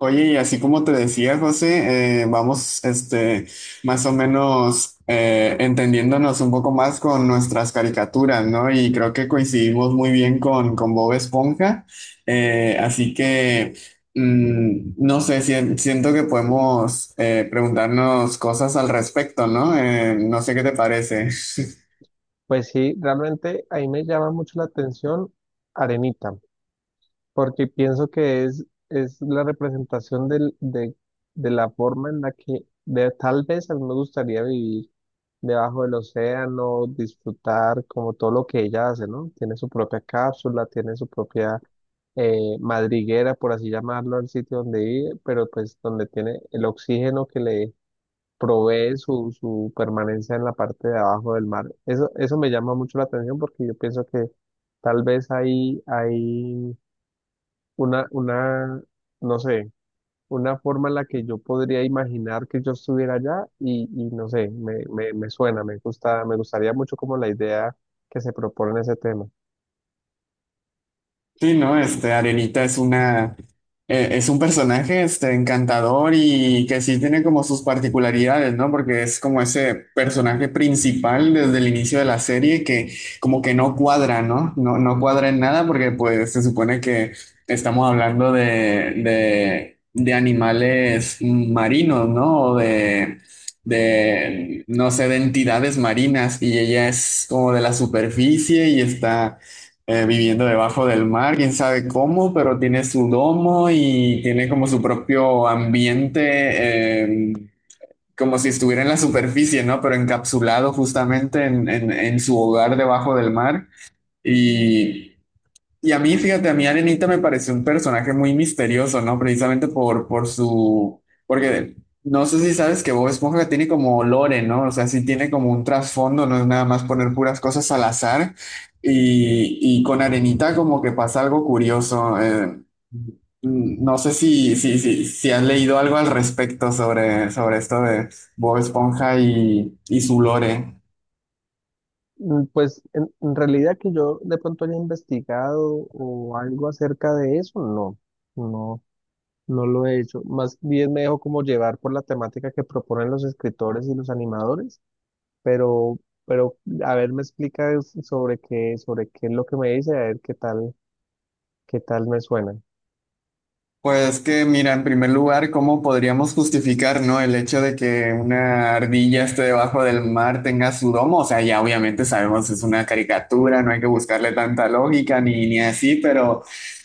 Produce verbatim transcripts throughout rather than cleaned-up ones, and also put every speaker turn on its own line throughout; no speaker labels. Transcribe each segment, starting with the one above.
Oye, y así como te decía, José, eh, vamos, este, más o menos eh, entendiéndonos un poco más con nuestras caricaturas, ¿no? Y creo que coincidimos muy bien con, con Bob Esponja. Eh, así que, mm, no sé, si- siento que podemos eh, preguntarnos cosas al respecto, ¿no? Eh, no sé qué te parece.
Pues sí, realmente ahí me llama mucho la atención Arenita. Porque pienso que es, es la representación del, de, de la forma en la que de, tal vez a mí me gustaría vivir debajo del océano, disfrutar como todo lo que ella hace, ¿no? Tiene su propia cápsula, tiene su propia eh, madriguera, por así llamarlo, al sitio donde vive, pero pues donde tiene el oxígeno que le provee su, su permanencia en la parte de abajo del mar. Eso, eso me llama mucho la atención porque yo pienso que tal vez ahí, hay una, una, no sé, una forma en la que yo podría imaginar que yo estuviera allá y, y no sé, me, me, me suena, me gusta, me gustaría mucho como la idea que se propone en ese tema.
Sí, ¿no? Este, Arenita es una, eh, es un personaje, este, encantador y que sí tiene como sus particularidades, ¿no? Porque es como ese personaje principal desde el inicio de la serie que como que no cuadra, ¿no? No, no cuadra en nada porque pues se supone que estamos hablando de, de, de animales marinos, ¿no? O de, de, no sé, de entidades marinas y ella es como de la superficie y está eh, viviendo debajo del mar, quién sabe cómo, pero tiene su domo y tiene como su propio ambiente, eh, como si estuviera en la superficie, ¿no? Pero encapsulado justamente en, en- en su hogar debajo del mar. Y y a mí, fíjate, a mí Arenita me pareció un personaje muy misterioso, ¿no? Precisamente por, por su... Porque no sé si sabes que Bob Esponja tiene como lore, ¿no? O sea, sí tiene como un trasfondo, no es nada más poner puras cosas al azar. Y, y con Arenita como que pasa algo curioso. eh, no sé si, si, si, si has leído algo al respecto sobre, sobre esto de Bob Esponja y, y su lore.
Mm, pues en, en realidad que yo de pronto haya investigado o algo acerca de eso, no, no, no lo he hecho. Más bien me dejo como llevar por la temática que proponen los escritores y los animadores, pero, pero a ver, me explica sobre qué, sobre qué es lo que me dice, a ver qué tal. ¿Qué tal me suena?
Pues que, mira, en primer lugar, ¿cómo podríamos justificar, ¿no? El hecho de que una ardilla esté debajo del mar tenga su domo. O sea, ya obviamente sabemos es una caricatura, no hay que buscarle tanta lógica ni, ni así, pero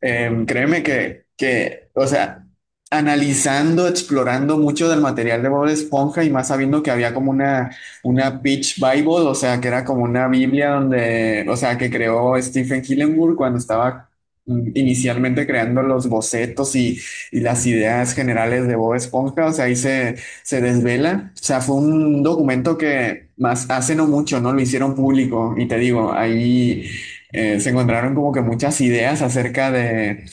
em, créeme que, que, o sea, analizando, explorando mucho del material de Bob Esponja y más sabiendo que había como una, una Beach Bible, o sea, que era como una Biblia donde, o sea, que creó Stephen Hillenburg cuando estaba mm, inicialmente creando los bocetos y, y las ideas generales de Bob Esponja, o sea, ahí se, se desvela. O sea, fue un documento que más hace no mucho, ¿no? Lo hicieron público y te digo, ahí eh, se encontraron como que muchas ideas acerca de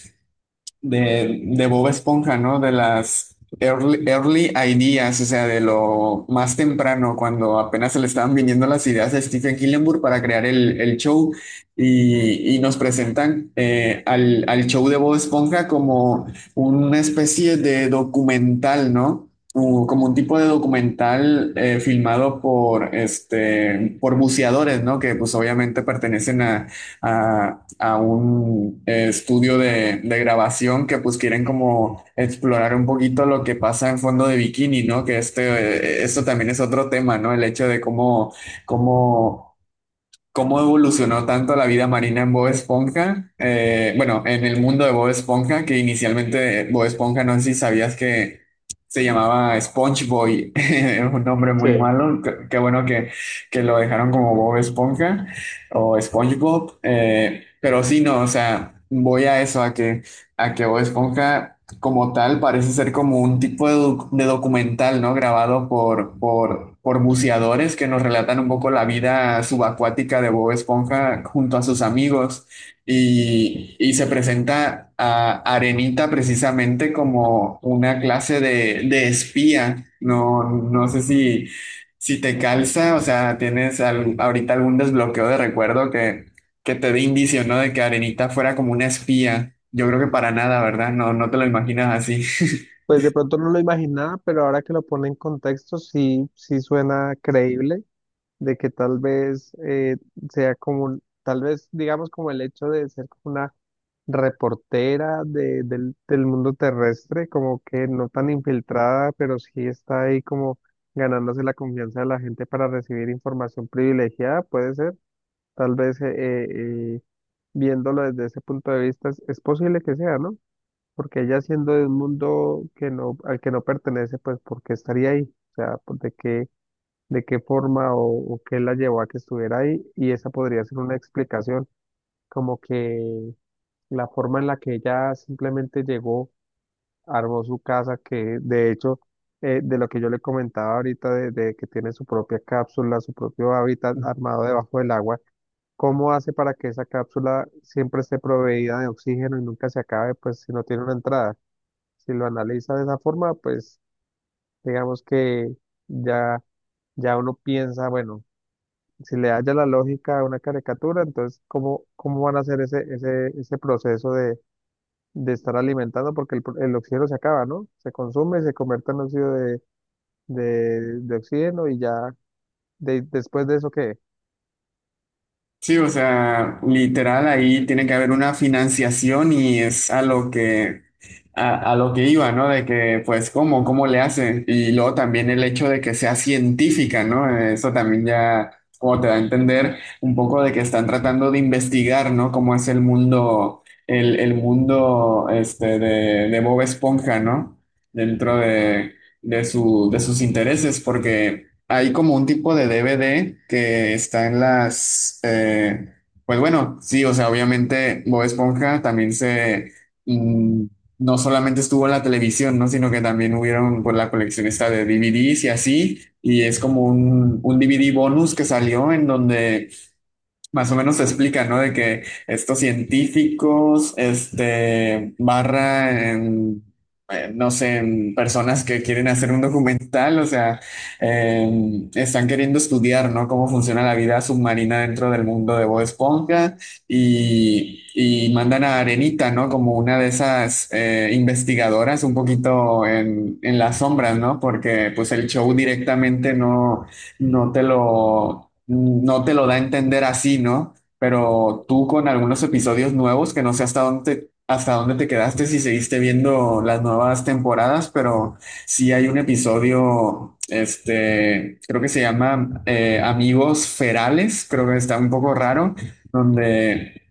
de, de Bob Esponja, ¿no? De las early, early ideas, o sea, de lo más temprano, cuando apenas se le estaban viniendo las ideas a Stephen Hillenburg para crear el, el show y, y nos presentan eh, al, al show de Bob Esponja como una especie de documental, ¿no? U- como un tipo de documental eh, filmado por, este, por buceadores, ¿no? Que pues obviamente pertenecen a, a, a un eh, estudio de, de grabación que pues quieren como explorar un poquito lo que pasa en fondo de bikini, ¿no? Que este, eh, esto también es otro tema, ¿no? El hecho de cómo, cómo cómo evolucionó tanto la vida marina en Bob Esponja, eh, bueno, en el mundo de Bob Esponja, que inicialmente Bob Esponja, no sé si sabías que se llamaba SpongeBob, es un nombre muy
Sí,
malo, qué, qué bueno que, que lo dejaron como Bob Esponja o SpongeBob, eh, pero sí, no, o sea, voy a eso, a que, a que Bob Esponja como tal, parece ser como un tipo de, doc- de documental, ¿no? Grabado por, por, por buceadores que nos relatan un poco la vida subacuática de Bob Esponja junto a sus amigos. Y, y se presenta a Arenita precisamente como una clase de, de espía. No, no sé si, si te calza, o sea, tienes al- ahorita algún desbloqueo de recuerdo que que te dé indicio, ¿no? De que Arenita fuera como una espía. Yo creo que para nada, ¿verdad? No, no te lo imaginas así.
pues de pronto no lo imaginaba, pero ahora que lo pone en contexto, sí, sí suena creíble de que tal vez eh, sea como, un- tal vez digamos como el hecho de ser como una reportera de- del, del mundo terrestre, como que no tan infiltrada, pero sí está ahí como ganándose la confianza de la gente para recibir información privilegiada, puede ser, tal vez eh, eh, eh, viéndolo desde ese punto de vista, es es posible que sea, ¿no? Porque ella siendo de un mundo que no, al que no pertenece, pues ¿por qué estaría ahí? O sea, pues, ¿de qué, de qué forma o, o qué la llevó a que estuviera ahí? Y esa podría ser una explicación, como que la forma en la que ella simplemente llegó, armó su casa, que de hecho, eh, de lo que yo le comentaba ahorita, de, de que tiene su propia cápsula, su propio hábitat armado debajo del agua. ¿Cómo hace para que esa cápsula siempre esté proveída de oxígeno y nunca se acabe, pues si no tiene una entrada? Si lo analiza de esa forma, pues digamos que ya, ya uno piensa, bueno, si le halla la lógica a una caricatura, entonces ¿cómo, cómo van a hacer ese, ese, ese proceso de, de estar alimentando? Porque el, pro- el oxígeno se acaba, ¿no? Se consume, se convierte en óxido de, de, de oxígeno y ya de- después de eso, ¿qué?
Sí, o sea, literal ahí tiene que haber una financiación y es a lo que a, a lo que iba, ¿no? De que pues cómo cómo le hacen y luego también el hecho de que sea científica, ¿no? Eso también ya como te da a entender un poco de que están tratando de investigar, ¿no? ¿Cómo es el mundo el, el mundo este de, de Bob Esponja, ¿no? Dentro de de su de sus intereses porque hay como un tipo de D V D que está en las, eh, pues bueno, sí, o sea, obviamente Bob Esponja también se, mm, no solamente estuvo en la televisión, ¿no? Sino que también hubieron por la colección esta de D V Ds y así, y es como un, un D V D bonus que salió en donde más o menos se explica, ¿no? De que estos científicos, este, barra en, eh, no sé, en personas que quieren hacer un documental, o sea, eh, están queriendo estudiar, ¿no? Cómo funciona la vida submarina dentro del mundo de Bob Esponja y, y mandan a Arenita, ¿no? Como una de esas eh, investigadoras un poquito en, en las sombras, ¿no? Porque pues el show directamente no no te lo, no te lo da a entender así, ¿no? Pero tú con algunos episodios nuevos, que no sé hasta dónde, te, hasta dónde te quedaste, si seguiste viendo las nuevas temporadas, pero sí hay un episodio, este, creo que se llama eh, Amigos Ferales, creo que está un poco raro, donde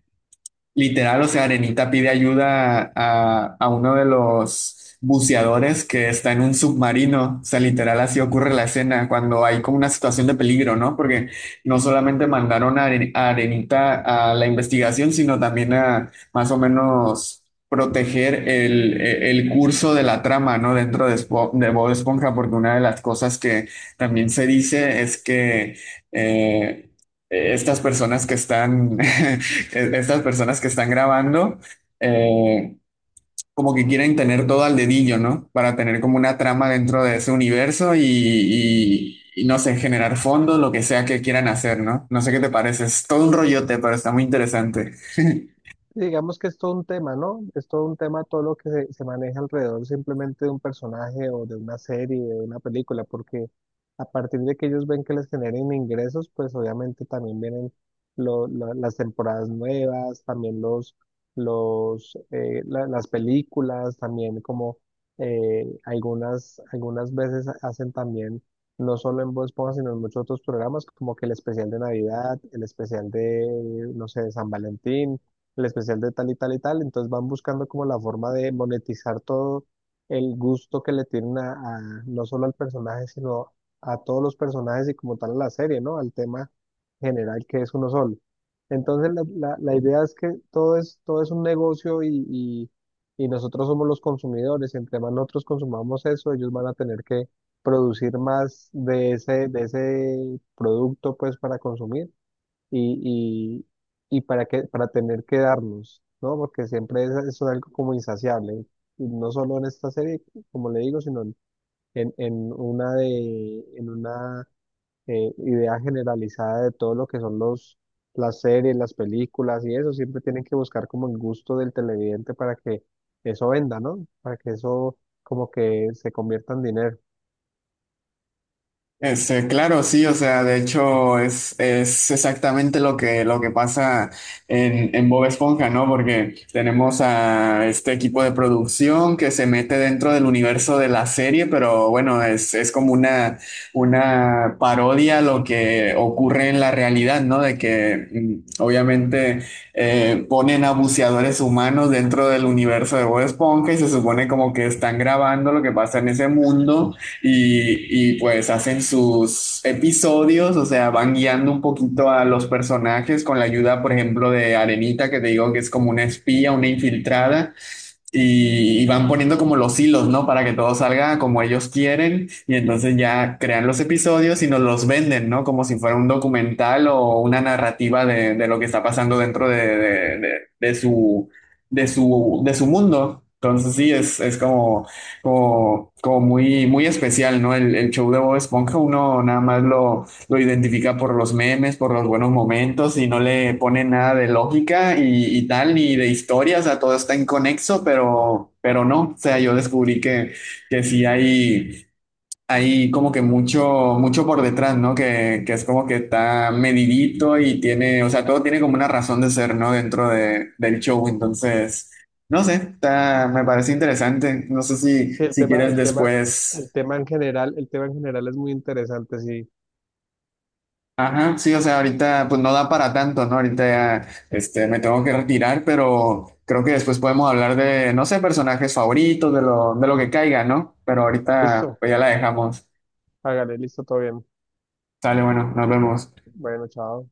literal, o sea, Arenita pide ayuda a, a uno de los buceadores que está en un submarino. O sea, literal, así ocurre la escena cuando hay como una situación de peligro, ¿no? Porque no solamente mandaron a, Are- a Arenita a la investigación, sino también a más o menos proteger el, e, el curso de la trama, ¿no? Dentro de, Espo- de Bob Esponja, porque una de las cosas que también se dice es que eh, estas personas que están e- estas personas que están grabando, eh, como que quieren tener todo al dedillo, ¿no? Para tener como una trama dentro de ese universo y, y- y no sé, generar fondos, lo que sea que quieran hacer, ¿no? No sé qué te parece, es todo un rollote, pero está muy interesante.
Digamos que es todo un tema, ¿no? Es todo un tema todo lo que se, se maneja alrededor simplemente de un personaje o de una serie, de una película, porque a partir de que ellos ven que les generen ingresos, pues obviamente también vienen lo- lo- las temporadas nuevas, también los, los, eh, la- las películas, también como eh, algunas, algunas veces hacen también, no solo en Voz Esponja, sino en muchos otros programas, como que el especial de Navidad, el especial de, no sé, de San Valentín, el especial de tal y tal y tal. Entonces van buscando como la forma de monetizar todo el gusto que le tienen a, a- no solo al personaje, sino a todos los personajes y como tal a la serie, ¿no? Al tema general que es uno solo. Entonces la, la- la idea es que todo es, todo es un negocio y, y, y nosotros somos los consumidores. Entre más nosotros consumamos eso, ellos van a tener que producir más de ese, de ese producto pues para consumir y, y, y para que, para tener que darnos, ¿no? Porque siempre es, es algo como insaciable, y no solo en esta serie, como le digo, sino en, en, en una de, en una eh, idea generalizada de todo lo que son los, las series, las películas y eso. Siempre tienen que buscar como el gusto del televidente para que eso venda, ¿no? Para que eso como que se convierta en dinero.
Este, claro, sí, o sea, de hecho es, es exactamente lo que, lo que pasa en, en Bob Esponja, ¿no? Porque tenemos a este equipo de producción que se mete dentro del universo de la serie, pero bueno, es, es como una, una parodia a lo que ocurre en la realidad, ¿no? De que mm, obviamente eh, ponen a buceadores humanos dentro del universo de Bob Esponja y se supone como que están grabando lo que pasa en ese mundo y, y, pues hacen sus episodios, o sea, van guiando un poquito a los personajes con la ayuda, por ejemplo, de Arenita, que te digo que es como una espía, una infiltrada, y, y van poniendo como los hilos, ¿no? Para que todo salga como ellos quieren y entonces ya crean los episodios y nos los venden, ¿no? Como si fuera un documental o una narrativa de, de lo que está pasando dentro de, de- de- de su, de su, de su mundo. Entonces sí, es, es como, como, como muy, muy especial, ¿no? El, el show de Bob Esponja uno nada más lo lo identifica por los memes, por los buenos momentos y no le pone nada de lógica y, y tal, ni de historia, o sea, todo está inconexo, pero, pero no, o sea, yo descubrí que, que sí hay, hay como que mucho, mucho por detrás, ¿no? Que, que es como que está medidito y tiene, o sea, todo tiene como una razón de ser, ¿no? Dentro de, del show, entonces, no sé, está, me parece interesante, no sé si,
Sí, el
si
tema,
quieres
el tema,
después...
el tema en general, el tema en general es muy interesante, sí.
Ajá, sí, o sea, ahorita pues no da para tanto, ¿no? Ahorita ya, este, me tengo que retirar, pero creo que después podemos hablar de, no sé, personajes favoritos, de lo, de lo que caiga, ¿no? Pero ahorita
Listo.
pues ya la dejamos.
Hágale, listo, todo bien.
Sale, bueno, nos vemos.
Bueno, chao.